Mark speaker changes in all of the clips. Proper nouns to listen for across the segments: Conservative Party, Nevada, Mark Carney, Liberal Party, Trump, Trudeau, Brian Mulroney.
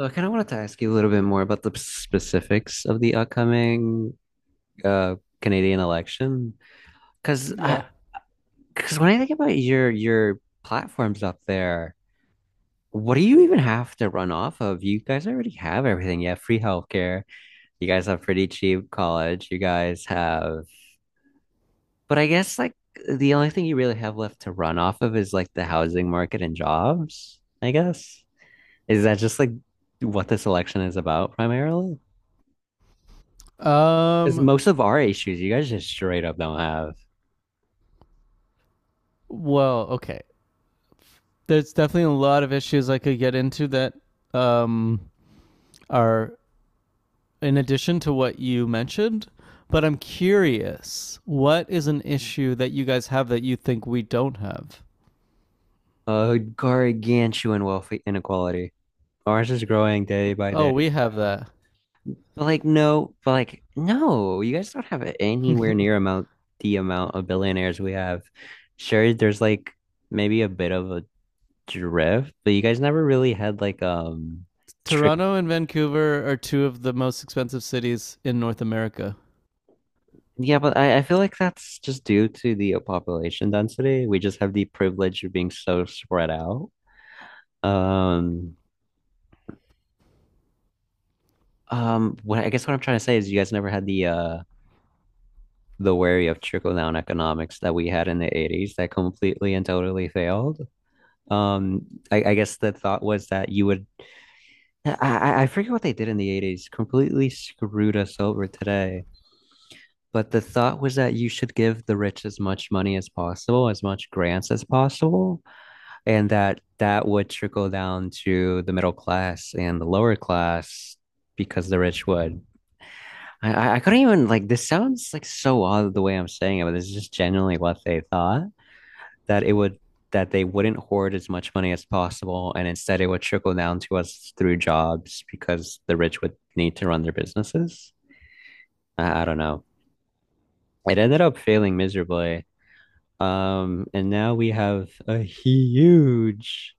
Speaker 1: So I kind of wanted to ask you a little bit more about the specifics of the upcoming uh, Canadian election, because
Speaker 2: Yeah.
Speaker 1: because when I think about your platforms up there, what do you even have to run off of? You guys already have everything. You have free healthcare. You guys have pretty cheap college. You guys have, but I guess like the only thing you really have left to run off of is like the housing market and jobs, I guess. Is that just like what this election is about primarily? Because
Speaker 2: Um.
Speaker 1: most of our issues, you guys just straight up don't have
Speaker 2: Well, okay. There's definitely a lot of issues I could get into that um, are in addition to what you mentioned, but I'm curious, what is an issue that you guys have that you think we don't have?
Speaker 1: a gargantuan wealth inequality. Ours is growing day by
Speaker 2: Oh,
Speaker 1: day.
Speaker 2: we have that.
Speaker 1: But like, no, you guys don't have anywhere near amount the amount of billionaires we have. Sure, there's like maybe a bit of a drift, but you guys never really had like trick.
Speaker 2: Toronto and Vancouver are two of the most expensive cities in North America.
Speaker 1: Yeah, but I feel like that's just due to the population density. We just have the privilege of being so spread out. Um, what I'm trying to say is you guys never had the worry of trickle down economics that we had in the 80s that completely and totally failed. I guess the thought was that you would I forget what they did in the 80s, completely screwed us over today. But the thought was that you should give the rich as much money as possible, as much grants as possible, and that that would trickle down to the middle class and the lower class because the rich would I couldn't even like this sounds like so odd the way I'm saying it, but this is just genuinely what they thought that it would that they wouldn't hoard as much money as possible and instead it would trickle down to us through jobs because the rich would need to run their businesses. I don't know. It ended up failing miserably. And now we have a huge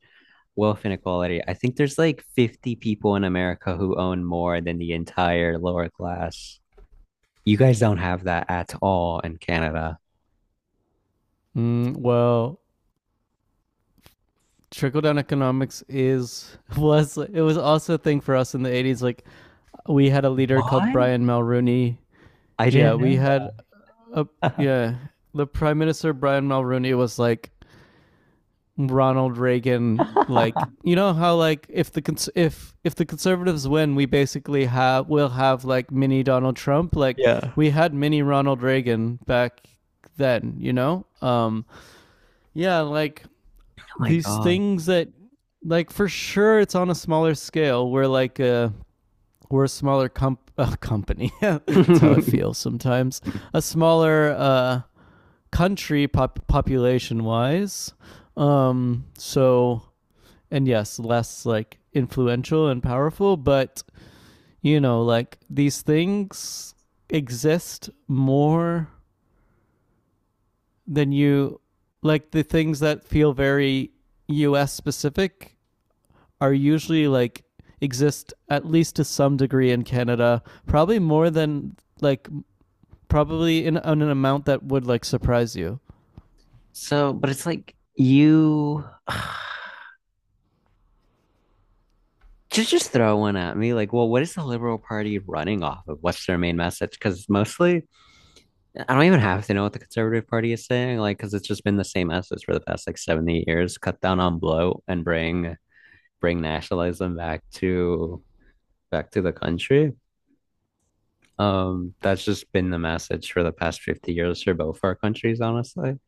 Speaker 1: wealth inequality. I think there's like 50 people in America who own more than the entire lower class. You guys don't have that at all in Canada.
Speaker 2: Mm, well, trickle down economics is was it was also a thing for us in the 80s, like we had a leader called
Speaker 1: What?
Speaker 2: Brian Mulroney.
Speaker 1: I
Speaker 2: Yeah,
Speaker 1: didn't
Speaker 2: we
Speaker 1: know
Speaker 2: had a
Speaker 1: that.
Speaker 2: yeah. The Prime Minister Brian Mulroney was like Ronald Reagan. Like, you know how like if if the conservatives win, we basically have we'll have like mini Donald Trump. Like
Speaker 1: Yeah.
Speaker 2: we had mini Ronald Reagan back then. You know, yeah, like
Speaker 1: Oh my
Speaker 2: these
Speaker 1: God.
Speaker 2: things that like for sure it's on a smaller scale where like we're a smaller company. That's how it feels sometimes. A smaller country population wise. So, and yes, less like influential and powerful, but you know, like these things exist more than you the things that feel very US specific are usually like exist at least to some degree in Canada, probably more than like probably in an amount that would like surprise you.
Speaker 1: So, but it's like you just throw one at me. Like, well, what is the Liberal Party running off of? What's their main message? Because mostly, I don't even have to know what the Conservative Party is saying. Like, because it's just been the same message for the past like 70 years: cut down on bloat and bring nationalism back to back to the country. That's just been the message for the past 50 years for both our countries, honestly.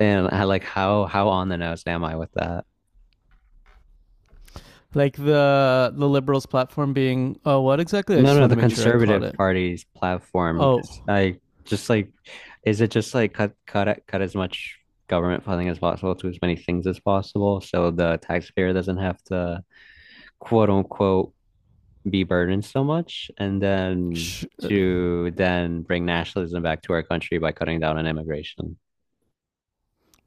Speaker 1: And I like how on the nose am I with that?
Speaker 2: Like the liberals' platform being, oh, what exactly? I
Speaker 1: No,
Speaker 2: just
Speaker 1: no,
Speaker 2: want
Speaker 1: the
Speaker 2: to make sure I caught
Speaker 1: Conservative
Speaker 2: it.
Speaker 1: Party's platform. 'Cause
Speaker 2: Oh,
Speaker 1: I just like, is it just like cut as much government funding as possible to as many things as possible, so the taxpayer doesn't have to quote unquote be burdened so much, and then
Speaker 2: sh- uh,
Speaker 1: to then bring nationalism back to our country by cutting down on immigration.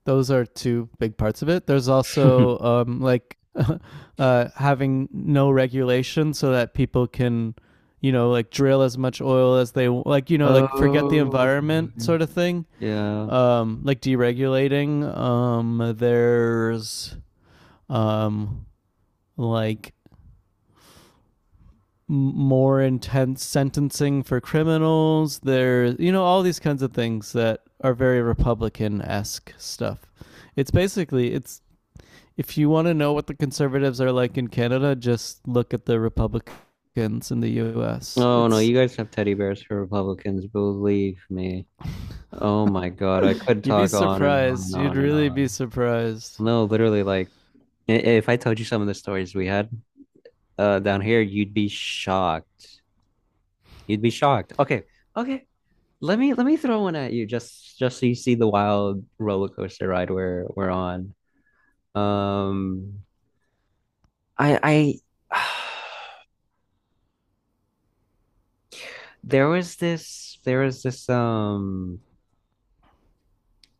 Speaker 2: those are two big parts of it. There's also like having no regulation so that people can, you know, like drill as much oil as they like, you know, like forget the
Speaker 1: Oh,
Speaker 2: environment sort of thing.
Speaker 1: yeah.
Speaker 2: Like deregulating. There's um, like more intense sentencing for criminals. There, you know, all these kinds of things that are very Republican esque stuff. It's basically it's if you want to know what the conservatives are like in Canada, just look at the Republicans in the U.S.
Speaker 1: Oh no,
Speaker 2: It's
Speaker 1: you guys have teddy bears for Republicans. Believe me. Oh my God, I could
Speaker 2: you'd be
Speaker 1: talk on and on and
Speaker 2: surprised. You'd
Speaker 1: on and
Speaker 2: really
Speaker 1: on.
Speaker 2: be surprised.
Speaker 1: No, literally, like if I told you some of the stories we had down here, you'd be shocked. You'd be shocked. Okay, okay. Let me throw one at you just so you see the wild roller coaster ride we're on. Um, I there was this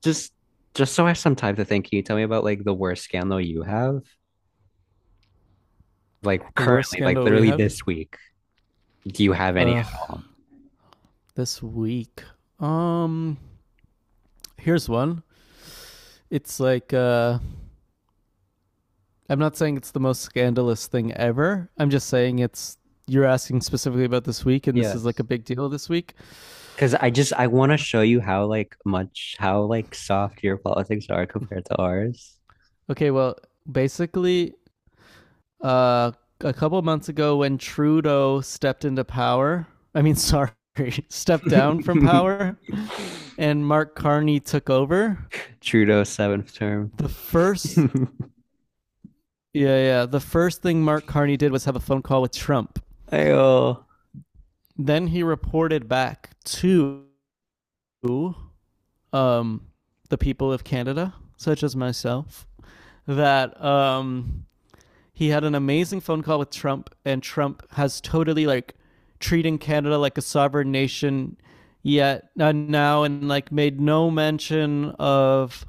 Speaker 1: Just just so I have some time to think, can you tell me about like the worst scandal you have? Like
Speaker 2: The worst
Speaker 1: currently, like
Speaker 2: scandal we
Speaker 1: literally
Speaker 2: have.
Speaker 1: this week. Do you have any at
Speaker 2: Ugh,
Speaker 1: all?
Speaker 2: this week. Um, here's one. It's like I'm not saying it's the most scandalous thing ever. I'm just saying it's you're asking specifically about this week, and this is like
Speaker 1: Yes.
Speaker 2: a big deal this week.
Speaker 1: Because I just I want to show you how like much how like soft your politics are compared to ours.
Speaker 2: Okay, well, basically uh a couple of months ago when Trudeau stepped into power, I mean sorry, stepped down from power and Mark Carney took over,
Speaker 1: Trudeau's seventh term.
Speaker 2: the first yeah, the first thing Mark Carney did was have a phone call with Trump.
Speaker 1: Ayo.
Speaker 2: Then he reported back to um, the people of Canada, such as myself, that he had an amazing phone call with Trump, and Trump has totally like treating Canada like a sovereign nation yet, now, and like made no mention of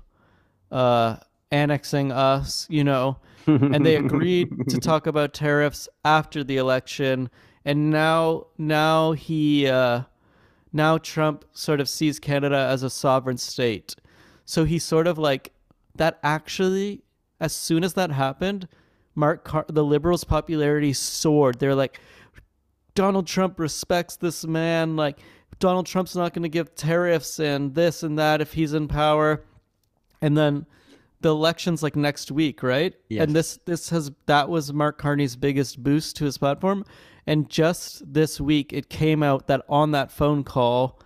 Speaker 2: uh, annexing us, you know. And they agreed to talk about tariffs after the election, and now he, now Trump sort of sees Canada as a sovereign state. So he sort of like that actually, as soon as that happened, the Liberals' popularity soared. They're like, Donald Trump respects this man. Like, Donald Trump's not going to give tariffs and this and that if he's in power. And then the election's like next week, right? And
Speaker 1: Yes.
Speaker 2: this has that was Mark Carney's biggest boost to his platform. And just this week, it came out that on that phone call,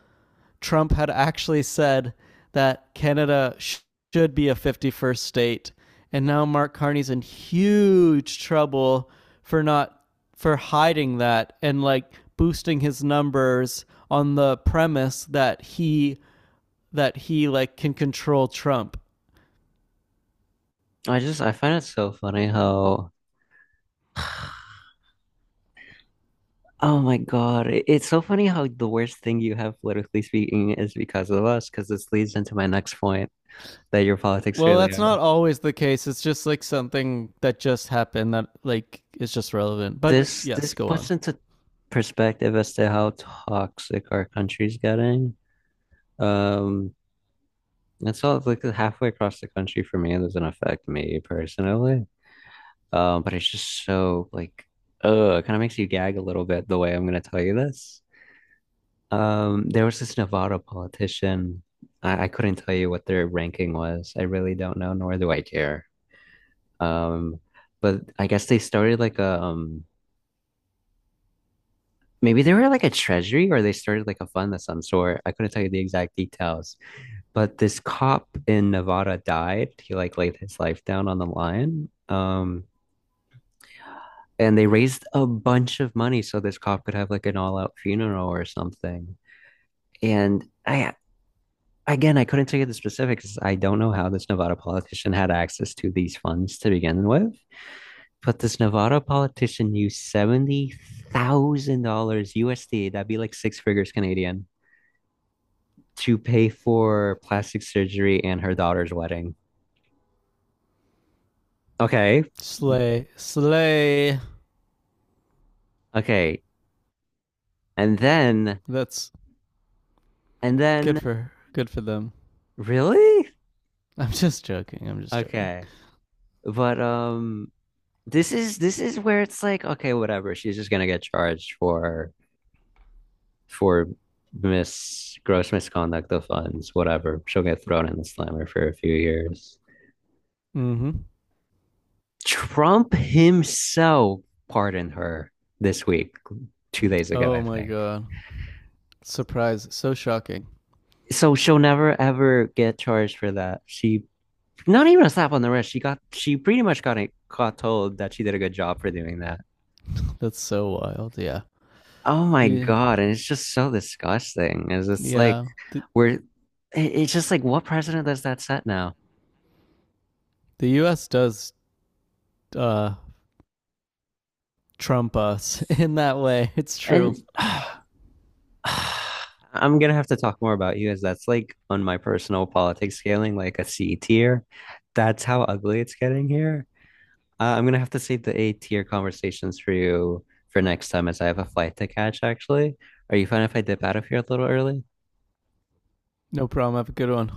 Speaker 2: Trump had actually said that Canada should be a 51st state. And now Mark Carney's in huge trouble for not for hiding that and like boosting his numbers on the premise that he like can control Trump.
Speaker 1: I just I find it so funny how Oh my God. It's so funny how the worst thing you have politically speaking is because of us, because this leads into my next point that your politics
Speaker 2: Well,
Speaker 1: really
Speaker 2: that's
Speaker 1: are.
Speaker 2: not always the case. It's just like something that just happened that like is just relevant. But
Speaker 1: This
Speaker 2: yes,
Speaker 1: this
Speaker 2: go
Speaker 1: puts
Speaker 2: on.
Speaker 1: into perspective as to how toxic our country's getting. Um, and so like halfway across the country for me, it doesn't affect me personally. But it's just so like, it kind of makes you gag a little bit the way I'm gonna tell you this. There was this Nevada politician. I couldn't tell you what their ranking was. I really don't know, nor do I care. Um, but I guess they started like a maybe they were like a treasury or they started like a fund of some sort. I couldn't tell you the exact details. But this cop in Nevada died. He like laid his life down on the line. And they raised a bunch of money so this cop could have like an all-out funeral or something. And I again, I couldn't tell you the specifics. I don't know how this Nevada politician had access to these funds to begin with, but this Nevada politician used $70,000 USD. That'd be like six figures Canadian to pay for plastic surgery and her daughter's wedding. Okay,
Speaker 2: Slay, slay.
Speaker 1: okay, and then
Speaker 2: That's
Speaker 1: and then
Speaker 2: good for them.
Speaker 1: really
Speaker 2: I'm just joking. I'm just joking.
Speaker 1: okay, but this is this is where it's like, okay, whatever. She's just gonna get charged for mis gross misconduct of funds, whatever. She'll get thrown in the slammer for a few years.
Speaker 2: Mm-hmm.
Speaker 1: Trump himself pardoned her this week, 2 days ago, I
Speaker 2: Oh my
Speaker 1: think.
Speaker 2: god! Surprise! So shocking.
Speaker 1: So she'll never ever get charged for that. She not even a slap on the wrist. She got she pretty much got it told that she did a good job for doing that.
Speaker 2: That's so wild. Yeah.
Speaker 1: Oh my
Speaker 2: Yeah.
Speaker 1: God. And it's just so disgusting. Is it's like
Speaker 2: Yeah. The
Speaker 1: where it- it's just like, what precedent does that set now?
Speaker 2: the U.S. does uh trump us in that way. It's
Speaker 1: And
Speaker 2: true.
Speaker 1: uh, I'm gonna have to talk more about you as that's like on my personal politics scaling, like a C tier. That's how ugly it's getting here. I'm gonna have to save the A tier conversations for you for next time, as I have a flight to catch, actually. Are you fine if I dip out of here a little early?
Speaker 2: No problem. Have a good one.